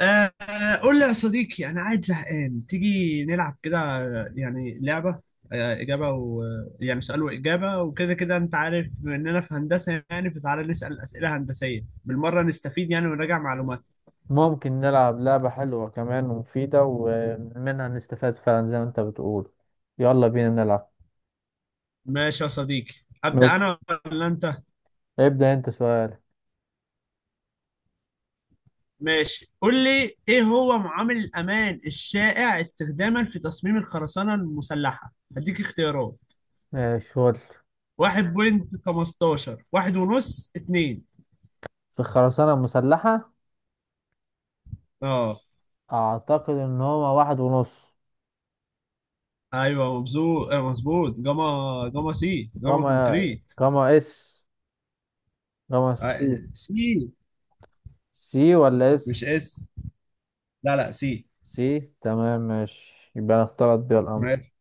آه، قول لي يا صديقي، أنا قاعد زهقان، تيجي نلعب كده، يعني لعبة، إجابة و يعني سؤال وإجابة، وكده كده أنت عارف بما إننا في هندسة، يعني فتعالى نسأل أسئلة هندسية بالمرة نستفيد يعني ونراجع معلومات. ممكن نلعب لعبة حلوة كمان ومفيدة ومنها نستفاد فعلا، زي ما انت بتقول. يلا بينا نلعب. ماشي يا صديقي، أبدأ ماشي، أنا ولا أنت؟ ابدأ انت سؤال. ماشي، قول لي إيه هو معامل الأمان الشائع استخداما في تصميم الخرسانة المسلحة؟ هديك اختيارات: ماشي ودي. 1.15، 1.5، 2. في الخرسانة المسلحة، أعتقد إن هما 1.5. ايوه مبزوط، مظبوط. جاما، جاما سي، جاما جاما، كونكريت. جاما اس، جاما سي. سي. سي ولا مش اس؟ اس، لا لا، سي. سي، تمام ماشي، يبقى أنا اختلط بيها الأمر. ماشي،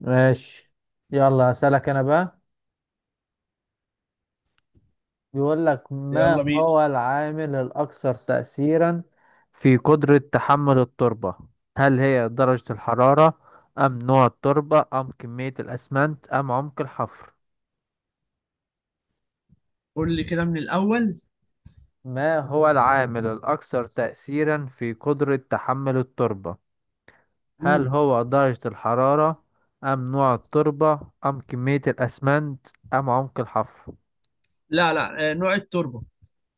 ماشي. يلا هسألك أنا بقى. بيقول لك: ما يلا بينا. هو العامل الأكثر تأثيرا في قدرة تحمل التربة؟ هل هي درجة الحرارة أم نوع التربة أم كمية الأسمنت أم عمق الحفر؟ قول لي كده من الاول. ما هو العامل الأكثر تأثيرا في قدرة تحمل التربة؟ هل مم. هو درجة الحرارة أم نوع التربة أم كمية الأسمنت أم عمق الحفر؟ لا لا، نوع التربه.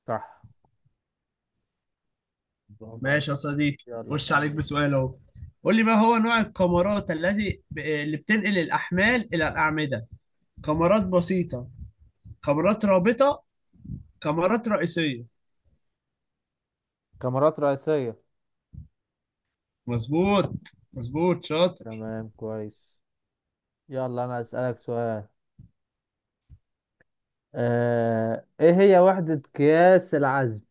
صح، برافو عليك. ماشي يا صديقي، يلا خش عليك سألني. بسؤال اهو. قول لي ما هو نوع القمرات الذي اللي بتنقل الاحمال الى الاعمده؟ قمرات بسيطه، قمرات رابطه، قمرات رئيسيه. كاميرات رئيسية. مظبوط، مظبوط، شاطر. تمام كويس. يلا انا اسالك سؤال. ايه هي وحدة قياس العزم؟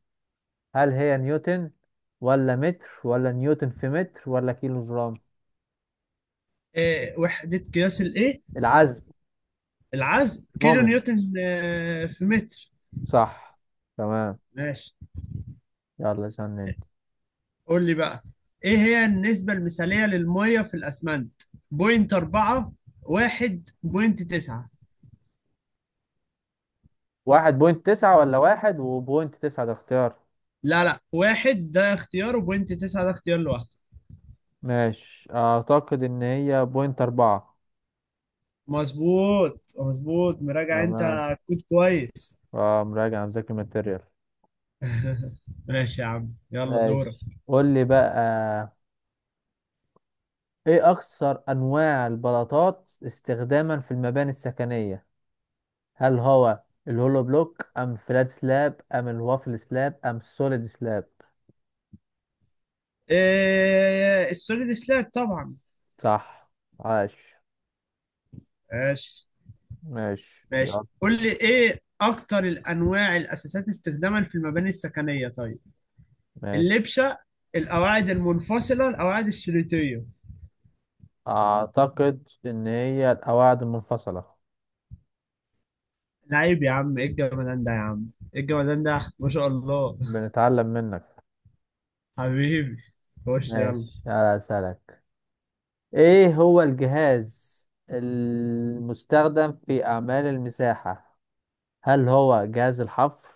هل هي نيوتن ولا متر ولا نيوتن في متر ولا كيلو جرام؟ وحده قياس الايه؟ العزم العزم كيلو مومنت. نيوتن في متر. صح، تمام. ماشي، يلا استنى انت. قول لي بقى، ايه هي النسبة المثالية للمية في الأسمنت؟ بوينت أربعة، واحد، بوينت تسعة. 1.9 ولا 1 و1.9، ده اختيار؟ لا لا، واحد ده اختيار، وبوينت تسعة ده اختيار لوحده. ماشي، اعتقد ان هي 0.4. مظبوط، مظبوط، مراجع تمام. انت. كود كويس. اه، مراجع مذاكر ماتيريال. ماشي يا عم، يلا دورك. ماشي قول لي بقى: ايه اكثر انواع البلاطات استخداما في المباني السكنية؟ هل هو الهولو بلوك ام فلات سلاب ام الوافل سلاب ام السوليد سلاب؟ ايه، السوليد سلاب طبعا. صح، عاش. ماشي. ماشي ماشي، يلا. قول لي ايه اكتر الانواع الاساسات استخداما في المباني السكنية طيب؟ ماشي، اللبشه، القواعد المنفصله، القواعد الشريطيه. اعتقد ان هي القواعد المنفصلة. لعيب يا عم، ايه الجمدان ده يا عم، ايه الجمدان ده، ما شاء الله. بنتعلم منك. حبيبي، خش يلا. ماشي على سلك. ايه هو الجهاز المستخدم في اعمال المساحة؟ هل هو جهاز الحفر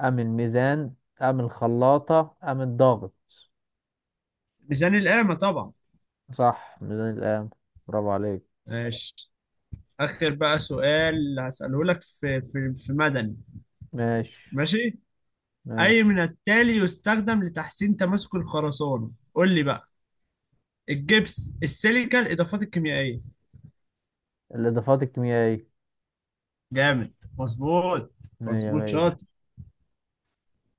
ام الميزان ام الخلاطة ام الضغط؟ ميزان القامه طبعا. صح، ميزان الآن. برافو عليك. ماشي، اخر بقى سؤال هساله لك في مدني. ماشي. ماشي. اي ماشي، من التالي يستخدم لتحسين تماسك الخرسانه؟ قول لي بقى: الجبس، السيليكا، الاضافات الكيميائيه. الإضافات الكيميائية. جامد، مظبوط. مية مظبوط، مية. شاطر.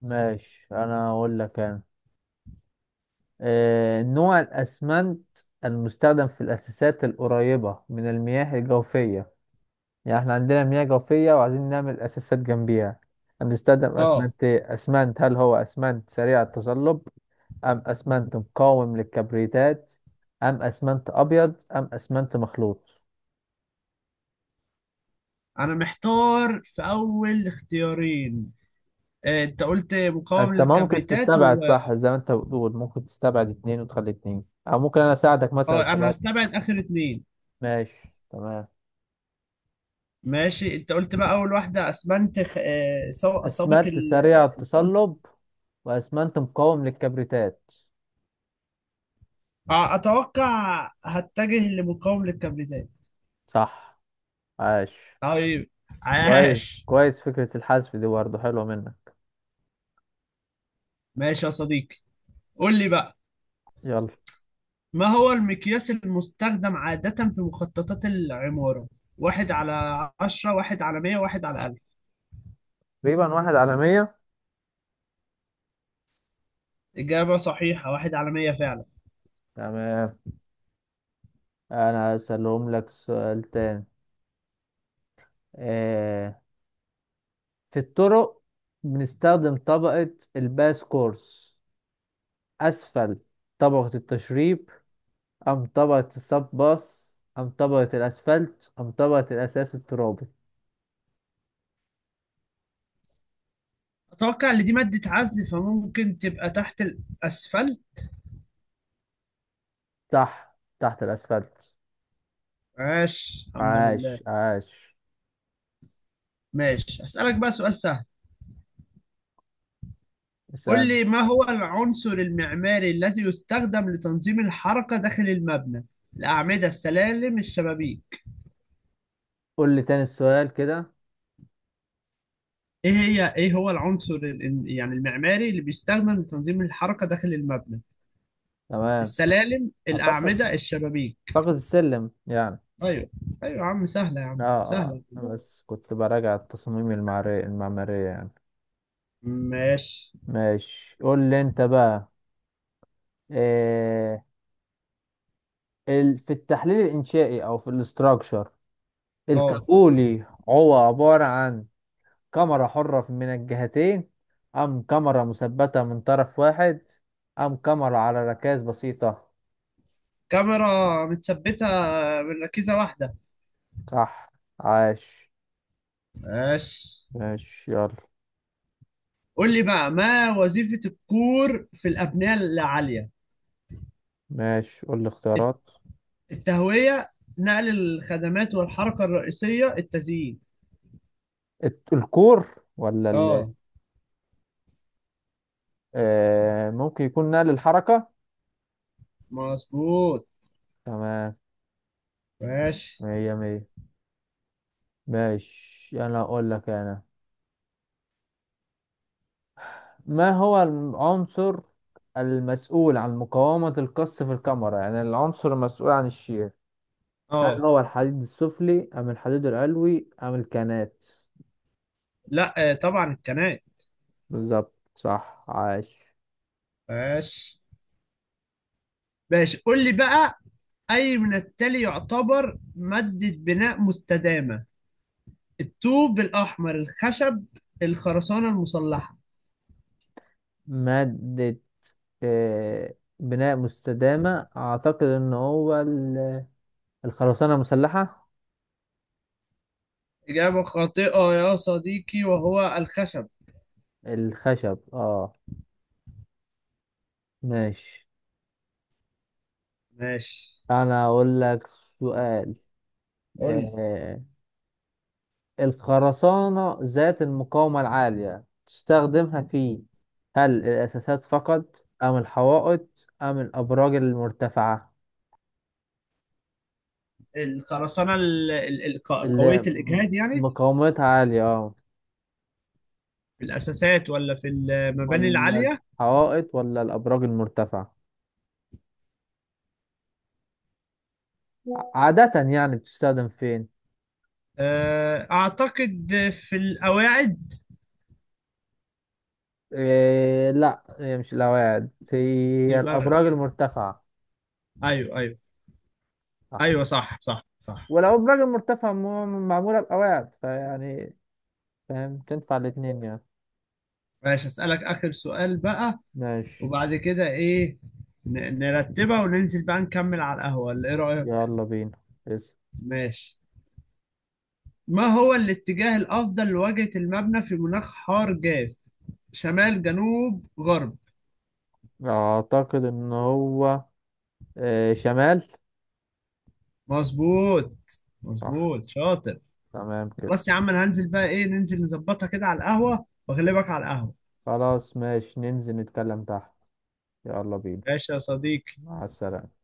ماشي، أنا هقول لك أنا. نوع الأسمنت المستخدم في الأساسات القريبة من المياه الجوفية، يعني إحنا عندنا مياه جوفية وعايزين نعمل أساسات جنبيها، هنستخدم اه. أسمنت إيه؟ أسمنت، هل هو أسمنت سريع التصلب أم أسمنت مقاوم للكبريتات أم أسمنت أبيض أم أسمنت مخلوط؟ انا محتار في اول اختيارين. انت قلت مقاوم انت ممكن للكبريتات و... تستبعد، صح؟ زي ما انت بتقول ممكن تستبعد اتنين وتخلي اتنين، او ممكن انا اساعدك مثلا اه، انا استبعد. هستبعد اخر اتنين. ماشي تمام. ماشي، انت قلت بقى اول واحدة اسمنت سابق اسمنت ال... سريع انت قلت التصلب واسمنت مقاوم للكبريتات. اتوقع هتجه لمقاوم للكبريتات. صح، عاش. طيب، كويس عاش. كويس، فكرة الحذف دي برضه حلوة منك. ماشي يا صديقي، قول لي بقى، يلا. ما هو المقياس المستخدم عادة في مخططات العمارة؟ واحد على عشرة، واحد على مية، واحد على ألف. تقريبا 1/100. إجابة صحيحة، واحد على مية فعلا. تمام. انا هسألهم لك سؤال تاني. آه. في الطرق بنستخدم طبقة الباس كورس اسفل طبقة التشريب ام طبقة الصب باص ام طبقة الاسفلت ام طبقة الاساس الترابي. أتوقع إن دي مادة عزل، فممكن تبقى تحت الأسفل. تحت الاسفلت. ماشي، الحمد لله. عاش عاش. ماشي، أسألك بقى سؤال سهل. قول اسأل. لي ما هو العنصر المعماري الذي يستخدم لتنظيم الحركة داخل المبنى؟ الأعمدة، السلالم، الشبابيك. قول لي تاني السؤال كده. إيه هو العنصر يعني المعماري اللي بيستخدم لتنظيم الحركة داخل المبنى؟ تمام. السلالم، اعتقد الأعمدة، الشبابيك. اعتقد السلم يعني. أيوه. أيوه يا عم، سهلة يا اه عم اه، سهلة. أنا بس كنت براجع التصاميم المعمارية المعمارية يعني. ماشي. ماشي، قول لي انت بقى. إيه في التحليل الانشائي او في الاستراكشر، أه. الكابولي هو عبارة عن كاميرا حرة من الجهتين ام كاميرا مثبتة من طرف واحد ام كاميرا على ركاز بسيطة؟ كاميرا متثبتة من ركيزة واحدة. صح، عاش. ماشي. ماشي يلا. قول لي بقى، ما وظيفة الكور في الأبنية العالية؟ ماشي قول لي الت- اختيارات. التهوية، نقل الخدمات والحركة الرئيسية، التزيين. الكور، ولا اه. ممكن يكون نقل الحركة. مظبوط. تمام. ماشي. مية مية. ماشي، أنا أقول لك أنا. ما هو العنصر المسؤول عن مقاومة القص في الكاميرا، يعني العنصر المسؤول عن الشير؟ هل اه. هو الحديد السفلي أم الحديد العلوي أم الكانات؟ لا، طبعا القناة. بالظبط، صح، عاش. ماشي. ماشي، قول لي بقى، أي من التالي يعتبر مادة بناء مستدامة؟ الطوب الأحمر، الخشب، الخرسانة المسلحة. مادة بناء مستدامة، أعتقد إن هو الخرسانة مسلحة. إجابة خاطئة يا صديقي، وهو الخشب. الخشب، اه. ماشي، ماشي. أنا أقول لك سؤال. قول لي. آه، الخرسانة ذات المقاومة العالية تستخدمها في؟ هل الأساسات فقط أم الحوائط أم الأبراج المرتفعة؟ الخرسانة اللي قوية الإجهاد يعني، مقاومتها عالية، اه. في الأساسات ولا في المباني ولا العالية؟ الحوائط ولا الأبراج المرتفعة؟ عادة يعني بتستخدم فين؟ أعتقد في القواعد. إيه، لا، هي مش الأواعد، هي يبقى الأبراج المرتفعة. أيوه، أيوه. صح. أيوه صح، صح، صح. والأبراج المرتفعة معمولة بأواعد، فيعني فاهم تنفع الاتنين يعني. ماشي، أسألك آخر سؤال بقى، ماشي وبعد كده إيه؟ نرتبها وننزل بقى نكمل على القهوة ولا إيه رأيك؟ يلا بينا. اسم. ماشي. ما هو الاتجاه الأفضل لواجهة المبنى في مناخ حار جاف؟ شمال، جنوب، غرب. أعتقد إن هو، إيه، شمال. مظبوط، صح، مظبوط، شاطر. تمام كده. خلاص يا عم، انا هنزل بقى، ايه ننزل نظبطها كده على القهوة واغلبك على القهوة. خلاص ماشي، ننزل نتكلم تحت. يلا بينا. ماشي يا صديقي. مع السلامة.